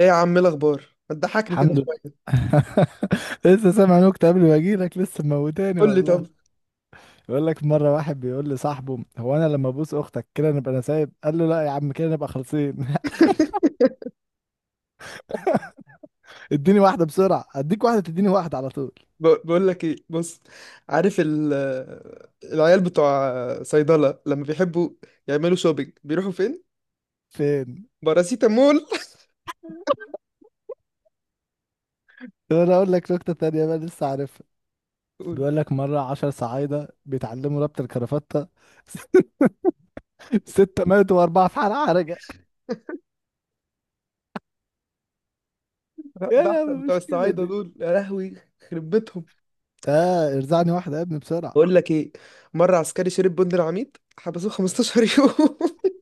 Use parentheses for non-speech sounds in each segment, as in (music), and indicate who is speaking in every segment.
Speaker 1: ايه يا عم، إيه الاخبار؟ ما تضحكني
Speaker 2: الحمد
Speaker 1: كده
Speaker 2: لله.
Speaker 1: شويه.
Speaker 2: (laughs) لسه سامع نكتة قبل ما اجيلك، لسه موتاني
Speaker 1: قول لي
Speaker 2: والله.
Speaker 1: طب.
Speaker 2: بيقول لك مرة واحد بيقول لصاحبه: هو انا لما ابوس اختك كده نبقى انا سايب؟ قال له: لا يا عم، كده نبقى خالصين. (laughs) اديني واحدة بسرعة، اديك واحدة تديني واحدة على طول.
Speaker 1: بقول لك ايه، بص. عارف العيال بتوع صيدله لما بيحبوا يعملوا شوبينج بيروحوا فين؟
Speaker 2: فين؟
Speaker 1: باراسيتامول.
Speaker 2: طب انا اقول لك نكتة تانية بقى لسه عارفها.
Speaker 1: (laughs) قول.
Speaker 2: بيقول لك مرة 10 صعايدة بيتعلموا ربط الكرافتة. (laughs) ستة ماتوا وأربعة في حالة حرجة. يا لا
Speaker 1: بتوع
Speaker 2: المشكلة
Speaker 1: الصعايده
Speaker 2: دي!
Speaker 1: دول، يا لهوي، يخرب بيتهم.
Speaker 2: اه، ارزعني واحدة يا ابني بسرعة.
Speaker 1: بقول لك ايه، مره عسكري شرب بند العميد حبسوه 15 يوم. (laughs)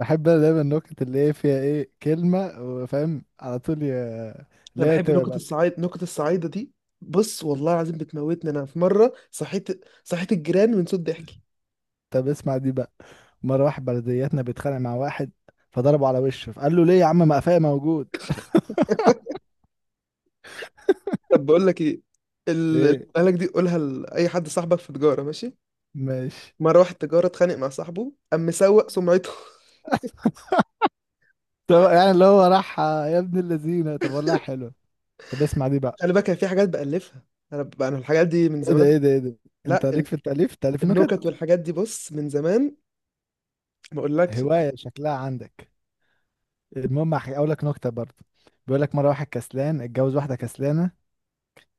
Speaker 2: بحب انا دايما النكت اللي هي فيها ايه كلمة وفاهم على طول،
Speaker 1: انا
Speaker 2: اللي هي
Speaker 1: بحب
Speaker 2: تبقى
Speaker 1: نكت
Speaker 2: بقى.
Speaker 1: الصعايد، نكت الصعايده دي. بص والله العظيم بتموتني. انا في مره صحيت الجيران من صوت ضحك.
Speaker 2: طب اسمع دي بقى. مرة واحد بلدياتنا بيتخانق مع واحد، فضربه على وشه، فقال له: ليه يا عم؟ مقفاية موجود.
Speaker 1: طب بقول لك ايه، اللي
Speaker 2: ايه،
Speaker 1: قالك دي قولها لاي حد صاحبك في تجاره، ماشي.
Speaker 2: ماشي.
Speaker 1: مره واحد تجاره اتخانق مع صاحبه قام مسوق سمعته. (laughs)
Speaker 2: (laughs) طب يعني اللي هو راح يا ابن اللذينة، طب والله حلو. طب اسمع دي بقى.
Speaker 1: خلي بالك أنا في حاجات بألفها. انا الحاجات دي من
Speaker 2: ايه ده؟
Speaker 1: زمان.
Speaker 2: ايه ده؟ ايه ده؟
Speaker 1: لا
Speaker 2: انت ليك في التأليف، تأليف
Speaker 1: النكت
Speaker 2: نكت.
Speaker 1: والحاجات دي، بص، من زمان. ما اقولكش.
Speaker 2: هواية شكلها عندك. المهم، هقول لك نكتة برضه. بيقول لك مرة واحد كسلان اتجوز واحدة كسلانة،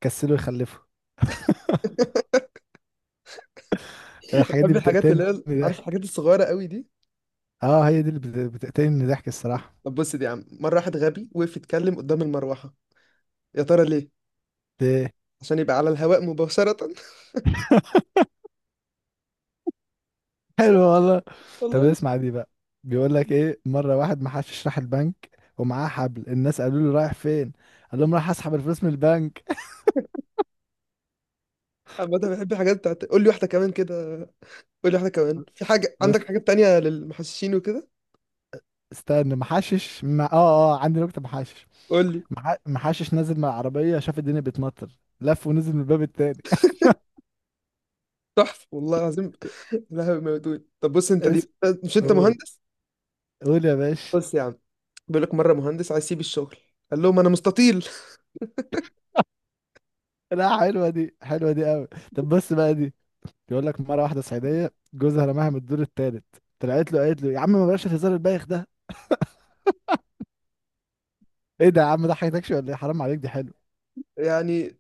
Speaker 2: كسله يخلفه. الحاجات دي
Speaker 1: بحب الحاجات اللي
Speaker 2: بتقتلني
Speaker 1: هي، عارف،
Speaker 2: ضحك.
Speaker 1: الحاجات الصغيره قوي دي.
Speaker 2: اه، هي دي اللي بتقتلني من الضحك الصراحة.
Speaker 1: طب بص دي يا عم، مره واحد غبي وقف يتكلم قدام المروحه. يا ترى ليه؟
Speaker 2: ده
Speaker 1: عشان يبقى على الهواء مباشره. (laughs) مش
Speaker 2: حلو
Speaker 1: عارف.
Speaker 2: والله. طب
Speaker 1: والله مش.
Speaker 2: اسمع دي بقى. بيقول لك ايه، مرة واحد ما حدش راح البنك ومعاه حبل. الناس قالوا له: رايح فين؟ قال لهم: رايح اسحب الفلوس من البنك.
Speaker 1: عامة بحب الحاجات بتاعت. قول لي واحده كمان كده. قول لي واحده كمان، في حاجه
Speaker 2: بس
Speaker 1: عندك حاجات تانية للمحششين وكده؟
Speaker 2: استنى، محشش مع... اه اه عندي نكتة محشش.
Speaker 1: قول لي.
Speaker 2: محشش نازل من العربية، شاف الدنيا بتمطر، لف ونزل من الباب التاني.
Speaker 1: تحفه والله العظيم. (laughs) لا هو موجود. طب بص
Speaker 2: (laughs)
Speaker 1: انت
Speaker 2: اسم.
Speaker 1: دي، مش انت
Speaker 2: قول،
Speaker 1: مهندس؟
Speaker 2: قول يا باشا.
Speaker 1: بص يا عم. بيقول لك مره مهندس عايز يسيب الشغل، قال لهم انا مستطيل.
Speaker 2: لا، حلوة دي، حلوة دي قوي. طب بص بقى دي. بيقول لك مرة واحدة صعيدية جوزها رماها من الدور التالت، طلعت له قالت له: يا عم ما بلاش الهزار البايخ ده. ايه ده يا عم؟ ده حياتكش ولا ايه؟ حرام عليك. دي حلو.
Speaker 1: (laughs) يعني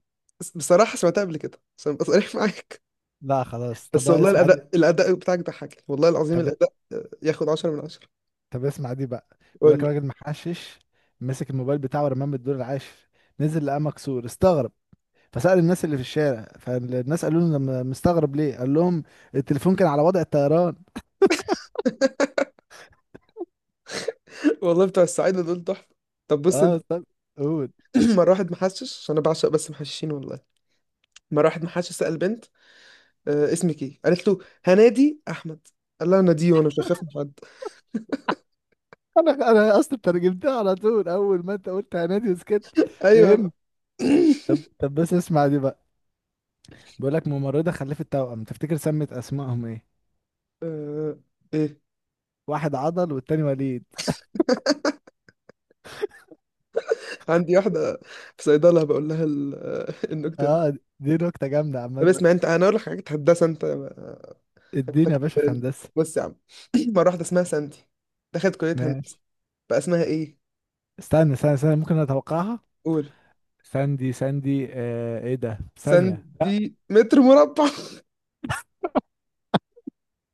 Speaker 1: بصراحه سمعتها قبل كده، عشان ابقى صريح (laughs) معاك.
Speaker 2: لا خلاص، طب
Speaker 1: بس
Speaker 2: بقى
Speaker 1: والله
Speaker 2: اسمع دي.
Speaker 1: الاداء، الاداء بتاعك ضحكني والله العظيم،
Speaker 2: طب،
Speaker 1: الاداء ياخد 10 من 10.
Speaker 2: طب اسمع دي بقى. بيقول
Speaker 1: قول
Speaker 2: لك
Speaker 1: لي.
Speaker 2: راجل محشش مسك الموبايل بتاعه ورماه من الدور العاشر، نزل لقاه مكسور، استغرب. فسأل الناس اللي في الشارع، فالناس قالوا له: مستغرب ليه؟ قال لهم: التليفون كان على وضع الطيران.
Speaker 1: (laughs) والله بتوع السعيده دول تحفه. طب بص انت.
Speaker 2: اه، طب. قول.
Speaker 1: (clears throat) مره واحد محشش، عشان انا بعشق بس محششين والله. مره واحد محشش سال بنت، اسمك ايه؟ قالت له هنادي احمد. قال لها انا دي، وانا مش هخاف من حد.
Speaker 2: انا اصلا ترجمتها على طول، اول ما انت قلت هنادي وسكت
Speaker 1: ايوه.
Speaker 2: فهمت. طب بس اسمع دي بقى. بيقول لك ممرضة خلفت توأم، تفتكر سمت أسمائهم إيه؟
Speaker 1: (clears throat) آه، ايه.
Speaker 2: واحد عضل والتاني وليد.
Speaker 1: عندي واحدة في صيدلة بقول لها (laughs) النكتة دي.
Speaker 2: آه، دي نكتة جامدة
Speaker 1: طب
Speaker 2: عامة.
Speaker 1: اسمع انت، انا اقول لك حاجة هندسة انت. انت
Speaker 2: اديني يا باشا في
Speaker 1: كسبان. (laughs)
Speaker 2: هندسة.
Speaker 1: بص يا عم. (clears throat) مرة واحدة اسمها ساندي دخلت كلية هندسة،
Speaker 2: ماشي.
Speaker 1: بقى اسمها ايه؟
Speaker 2: استنى استنى استنى، ممكن أتوقعها.
Speaker 1: قول.
Speaker 2: ساندي ساندي، آه إيه ده؟ ثانية، لا.
Speaker 1: ساندي متر مربع.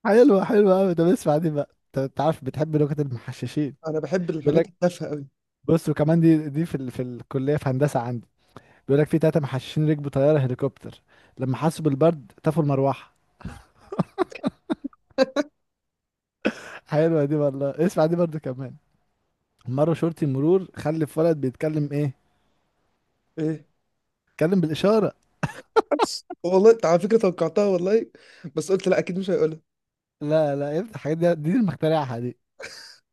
Speaker 2: حلوة، حلوة أوي. طب اسمع دي بقى. أنت عارف بتحب نكت المحششين.
Speaker 1: (laughs) انا بحب
Speaker 2: بيقول
Speaker 1: الحاجات
Speaker 2: لك،
Speaker 1: التافهة قوي.
Speaker 2: بص وكمان دي، في الكلية، في هندسة عندي. بيقول لك في تلاتة محششين ركبوا طيارة هليكوبتر، لما حسوا بالبرد طفوا المروحة. (laughs) حلوة دي والله. اسمع دي برضو كمان. مرة شرطي مرور خلف ولد، بيتكلم ايه؟
Speaker 1: ايه؟
Speaker 2: بيتكلم بالإشارة.
Speaker 1: (laughs) والله انت على فكرة توقعتها والله، بس قلت لا اكيد مش هيقولها.
Speaker 2: لا لا، افتح الحاجات دي اللي مخترعها دي.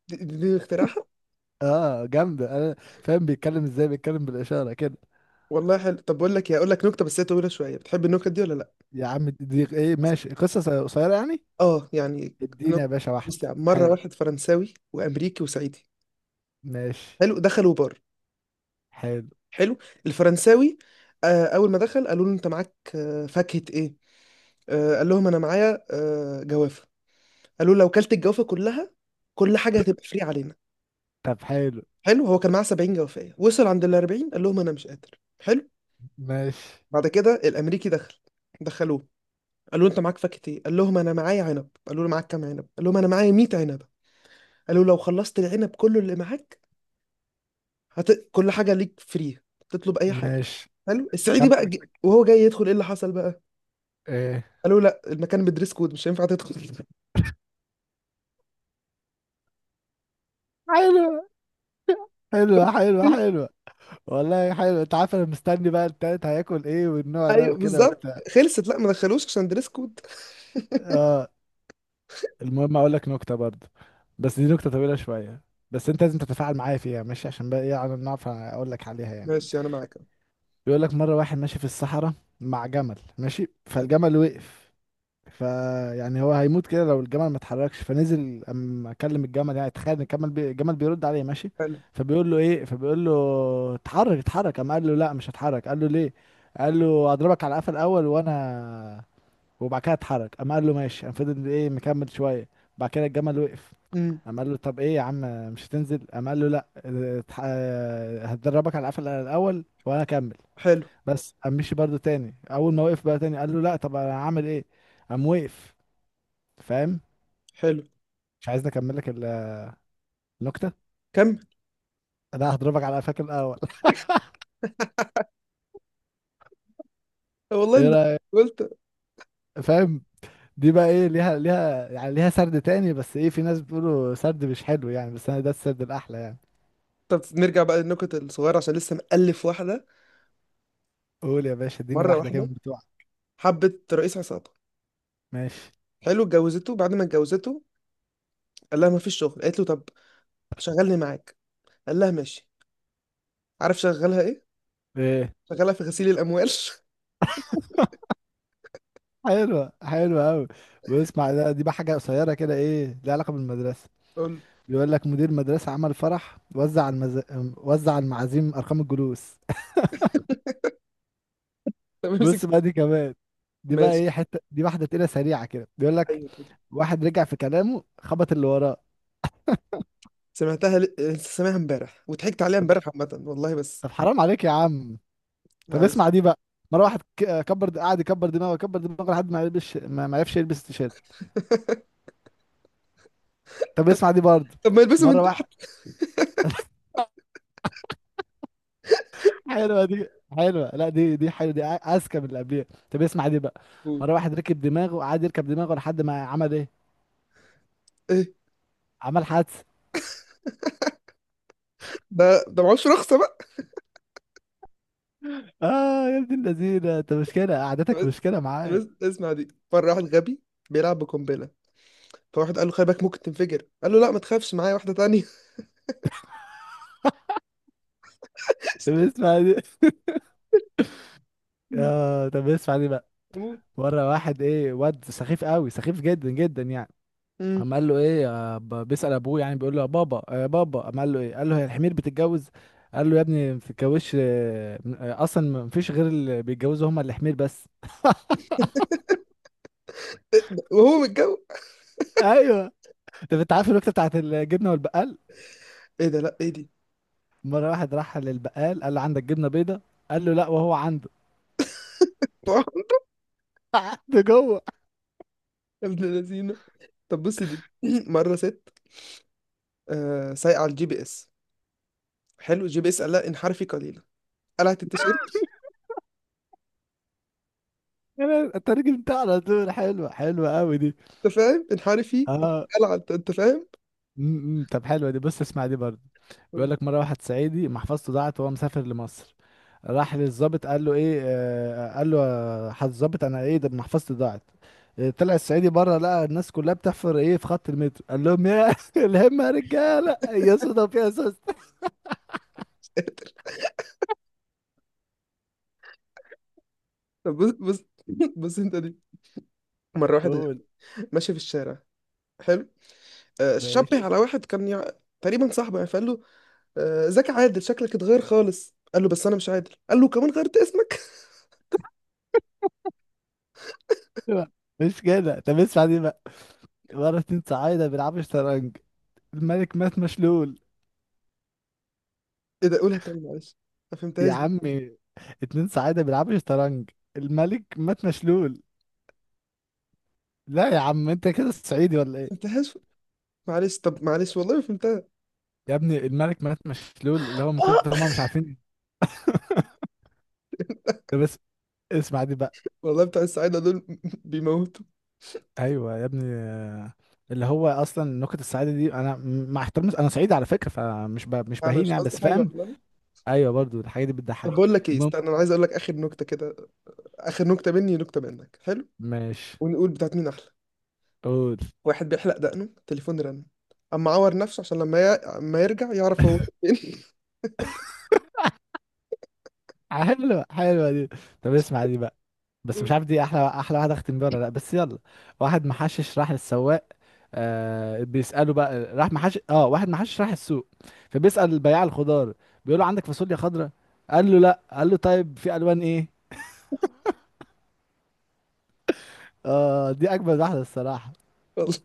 Speaker 1: دي اختراعها.
Speaker 2: اه جامدة. انا فاهم بيتكلم ازاي، بيتكلم بالإشارة كده.
Speaker 1: والله حلو. طب بقول لك ايه، اقول لك نكتة بس هي طويلة شوية، بتحب النكت دي ولا لا؟
Speaker 2: يا عم دي ايه؟ ماشي، قصة قصيرة قصيرة يعني.
Speaker 1: اه يعني.
Speaker 2: اديني يا
Speaker 1: نكتة.
Speaker 2: باشا
Speaker 1: بص
Speaker 2: واحدة.
Speaker 1: يا عم، مرة
Speaker 2: حلو.
Speaker 1: واحد فرنساوي وامريكي وصعيدي،
Speaker 2: ماشي.
Speaker 1: حلو، دخلوا بار.
Speaker 2: حلو.
Speaker 1: حلو. الفرنساوي، اول ما دخل قالوا له انت معاك فاكهة ايه؟ قال لهم انا معايا جوافة. قالوا له لو كلت الجوافة كلها، كل حاجة هتبقى فري علينا.
Speaker 2: طب. حلو.
Speaker 1: حلو. هو كان معاه 70 جوافية، وصل عند ال 40، قال لهم انا مش قادر. حلو.
Speaker 2: ماشي
Speaker 1: بعد كده الامريكي دخل، دخلوه، قالوا له انت معاك فاكهة ايه؟ قال لهم انا معايا عنب. قالوا له معاك كام عنب؟ قال لهم انا معايا 100 عنب. قالوا له لو خلصت العنب كله اللي معاك، كل حاجة ليك فري، تطلب اي حاجة.
Speaker 2: ماشي.
Speaker 1: حلو. السعيدي
Speaker 2: كم؟
Speaker 1: بقى وهو جاي يدخل، ايه اللي حصل بقى؟
Speaker 2: ايه؟
Speaker 1: قالوا لا، المكان بدريس كود، مش هينفع تدخل. (laughs)
Speaker 2: حلو. حلوة، حلوة، حلوة. والله حلو. انت عارف انا مستني بقى التالت هياكل ايه، والنوع ده
Speaker 1: ايوه
Speaker 2: وكده
Speaker 1: بالظبط،
Speaker 2: وبتاع.
Speaker 1: خلصت، لا ما دخلوش عشان دريس كود.
Speaker 2: اه. المهم، اقول لك نكته برضه، بس دي نكته طويله شويه. بس انت لازم تتفاعل معايا فيها، ماشي؟ عشان بقى ايه، على نعرف اقول لك عليها يعني.
Speaker 1: ماشي انا معاك.
Speaker 2: بيقول لك مره واحد ماشي في الصحراء مع جمل، ماشي
Speaker 1: حلو.
Speaker 2: فالجمل وقف. فيعني هو هيموت كده لو الجمل ما اتحركش. فنزل اما كلم الجمل، يعني تخيل ان الجمل بيرد عليه، ماشي.
Speaker 1: حلو.
Speaker 2: فبيقول له اتحرك اتحرك، اما قال له: لا مش هتحرك. قال له: ليه؟ قال له: اضربك على قفا الاول وانا، وبعد كده اتحرك. اما قال له: ماشي. قام فضل ايه، مكمل شويه. بعد كده الجمل وقف.
Speaker 1: امم.
Speaker 2: قام قال له: طب ايه يا عم، مش هتنزل؟ قام قال له: لا، هتدربك على القفل الاول وانا اكمل.
Speaker 1: حلو.
Speaker 2: بس قام مشي برضه تاني، اول ما وقف بقى تاني، قال له: لا، طب انا هعمل ايه؟ قام وقف. فاهم؟
Speaker 1: حلو.
Speaker 2: مش عايزني اكمل لك النكته.
Speaker 1: كم.
Speaker 2: انا هضربك على قفاك الاول. (laughs)
Speaker 1: والله
Speaker 2: ايه
Speaker 1: انت،
Speaker 2: رايك؟
Speaker 1: قلت.
Speaker 2: فاهم؟ دي بقى ايه، ليها يعني ليها سرد تاني. بس ايه، في ناس بيقولوا سرد مش حلو يعني، بس انا ده السرد الاحلى يعني.
Speaker 1: طب نرجع بقى للنكت الصغيره، عشان لسه مألف واحده.
Speaker 2: قول يا باشا، اديني
Speaker 1: مره
Speaker 2: واحده كده
Speaker 1: واحده
Speaker 2: من بتوعك.
Speaker 1: حبت رئيس عصابه،
Speaker 2: ماشي.
Speaker 1: حلو، اتجوزته. بعد ما اتجوزته قال لها ما فيش شغل. قالت له طب شغلني معاك. قال لها ماشي. عارف شغلها ايه؟
Speaker 2: ايه.
Speaker 1: شغلها في غسيل الاموال. (laughs)
Speaker 2: (laughs) حلوة، حلوة أوي. واسمع دي بقى حاجة قصيرة كده، إيه ليها علاقة بالمدرسة.
Speaker 1: قول له.
Speaker 2: بيقول لك مدير مدرسة عمل فرح، وزع المعازيم أرقام الجلوس. (laughs)
Speaker 1: طب امسك.
Speaker 2: بص بقى دي كمان. دي بقى
Speaker 1: ماشي.
Speaker 2: إيه، حتة دي واحدة تقيلة سريعة كده. بيقول لك
Speaker 1: أيوه.
Speaker 2: واحد رجع في كلامه، خبط اللي وراه.
Speaker 1: سمعتها لسه سامعها امبارح وضحكت عليها
Speaker 2: طب.
Speaker 1: امبارح، عامة والله. بس
Speaker 2: طب حرام عليك يا عم. طب
Speaker 1: معلش.
Speaker 2: اسمع دي بقى. مرة واحد كبر قعد يكبر دماغه يكبر دماغه، لحد ما يلبس ما عرفش يلبس التيشيرت. طب
Speaker 1: طب.
Speaker 2: اسمع دي برضه.
Speaker 1: طب ما يلبسوا من
Speaker 2: مرة واحد.
Speaker 1: تحت.
Speaker 2: حلوه دي حلوه، لا دي حلوه دي اذكى من اللي قبليها. طب اسمع دي بقى.
Speaker 1: قول.
Speaker 2: مره واحد ركب دماغه، قعد يركب دماغه لحد ما عمل ايه؟
Speaker 1: ايه
Speaker 2: عمل حادثه.
Speaker 1: ده، ده معهوش رخصة بقى.
Speaker 2: اه يا ابن اللذينه، انت مشكله، قعدتك
Speaker 1: طب
Speaker 2: مشكله معايا.
Speaker 1: بس اسمع دي. مرة واحد غبي بيلعب بقنبلة، فواحد قال له خلي بالك ممكن تنفجر. قال له لا، ما تخافش، معايا واحدة تانية.
Speaker 2: طب
Speaker 1: (laughs)
Speaker 2: اسمع دي اه طب اسمع دي بقى.
Speaker 1: أموت.
Speaker 2: مره واحد ايه، واد سخيف قوي، سخيف جدا جدا يعني.
Speaker 1: أمم.
Speaker 2: قام قال له ايه، بيسأل ابوه يعني، بيقول له: يا بابا يا بابا. قام قال له: ايه؟ قال له: هي الحمير بتتجوز؟ قال له: يا ابني ما بتتجوزش، اصلا ما فيش غير اللي بيتجوزوا هم الحمير بس.
Speaker 1: وهو متجوز.
Speaker 2: (laughs) ايوه. طب انت عارف الوقت بتاعت الجبنه والبقال؟
Speaker 1: ايه ده؟ لا ايه دي؟
Speaker 2: مره واحد راح للبقال، قال له: عندك جبنه بيضه؟ قال له: لا. وهو عنده.
Speaker 1: (laughs) يا
Speaker 2: (laughs) ده جوه.
Speaker 1: ابن اللذينة. طب بص دي. (clears throat) مرة ست آه سايقة على الجي بي اس، حلو، الجي بي اس قال لها انحرفي قليلا، قلعت التيشيرت.
Speaker 2: انت راجل بتاع على طول. حلوه، حلوه قوي دي.
Speaker 1: انت فاهم؟ انحرفي،
Speaker 2: اه
Speaker 1: قلعت. انت فاهم؟
Speaker 2: م- م. طب حلوه دي. بص اسمع دي برضه.
Speaker 1: قول.
Speaker 2: بيقول لك مره واحد صعيدي محفظته ضاعت وهو مسافر لمصر. راح للظابط، قال له ايه، آه، قال له: يا حضرة الظابط، انا ايه ده، محفظتي ضاعت. طلع الصعيدي بره، لقى الناس كلها بتحفر ايه في خط المترو، قال لهم: يا (laughs) الهمه يا رجاله، يا صدف يا سوس.
Speaker 1: طب بص، بص، (laughs) بص انت دي. مره واحد
Speaker 2: قول.
Speaker 1: ماشي في الشارع، حلو،
Speaker 2: ماشي.
Speaker 1: شبه على واحد كان تقريبا صاحبه يعني، فقال له ازيك يا عادل؟ شكلك اتغير خالص. قال له بس انا مش عادل. قال له كمان غيرت اسمك؟ (laughs)
Speaker 2: لا، مش كده. طب اسمع دي بقى. مرة اتنين صعايدة بيلعبوا شطرنج، الملك مات مشلول.
Speaker 1: ايه ده؟ قولها تاني معلش، ما
Speaker 2: يا
Speaker 1: فهمتهاش دي، ما
Speaker 2: عمي، اتنين صعايدة بيلعبوا شطرنج، الملك مات مشلول. لا يا عم، انت كده صعيدي ولا ايه؟
Speaker 1: فهمتهاش معلش طب، معلش والله ما فهمتها.
Speaker 2: يا ابني، الملك مات مشلول، اللي هو من كتر
Speaker 1: آه.
Speaker 2: ما هم مش عارفين. (laughs) ده بس. اسمع دي بقى.
Speaker 1: (laughs) والله بتاع السعاده دول (laughs) بيموتوا.
Speaker 2: ايوه يا ابني. اللي هو اصلا نكت السعاده دي، انا مع احترامي انا صعيدي على فكره، مش
Speaker 1: انا
Speaker 2: بهين
Speaker 1: مش
Speaker 2: يعني،
Speaker 1: قصدي
Speaker 2: بس
Speaker 1: حاجه
Speaker 2: فاهم.
Speaker 1: والله.
Speaker 2: ايوه برضو الحاجه دي
Speaker 1: طب
Speaker 2: بتضحكني.
Speaker 1: بقول لك ايه،
Speaker 2: المهم.
Speaker 1: استنى، انا عايز اقول لك اخر نكته كده. اخر نكته مني ونكته منك، حلو،
Speaker 2: ماشي.
Speaker 1: ونقول بتاعت مين احلى.
Speaker 2: قول.
Speaker 1: واحد بيحلق دقنه، التليفون رن، اما عور نفسه عشان لما ما يرجع يعرف هو
Speaker 2: (laughs)
Speaker 1: فين.
Speaker 2: حلوة، حلوة دي. طب اسمع دي بقى، بس مش عارف دي احلى، احلى واحدة اختم بيها ولا لا، بس يلا. واحد محشش راح للسواق، آه بيسأله بقى، راح محشش اه، واحد محشش راح السوق، فبيسأل البياع الخضار، بيقول له: عندك فاصوليا خضراء؟ قال له: لا. قال له: طيب، في الوان ايه؟ اه دي اجمل واحدة الصراحة.
Speaker 1: (laughs) والله.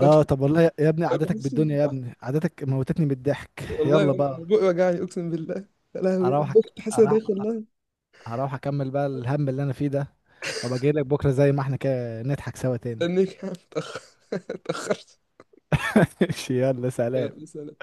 Speaker 2: اه طب والله يا ابني، قعدتك
Speaker 1: بحس
Speaker 2: بالدنيا يا ابني، قعدتك موتتني بالضحك.
Speaker 1: والله
Speaker 2: يلا
Speaker 1: انا،
Speaker 2: بقى.
Speaker 1: أنا بقي وجعني اقسم بالله. يا لهوي، أنا كنت حاسس إن أنا
Speaker 2: اروح،
Speaker 1: داخل والله.
Speaker 2: هروح اكمل بقى الهم اللي انا فيه ده، وابقى جاي لك بكرة زي ما احنا كده نضحك سوا تاني.
Speaker 1: استنيك يا عم، اتاخر. (laughs) اتاخرت.
Speaker 2: (laughs) يلا
Speaker 1: يلا،
Speaker 2: سلام.
Speaker 1: سلام.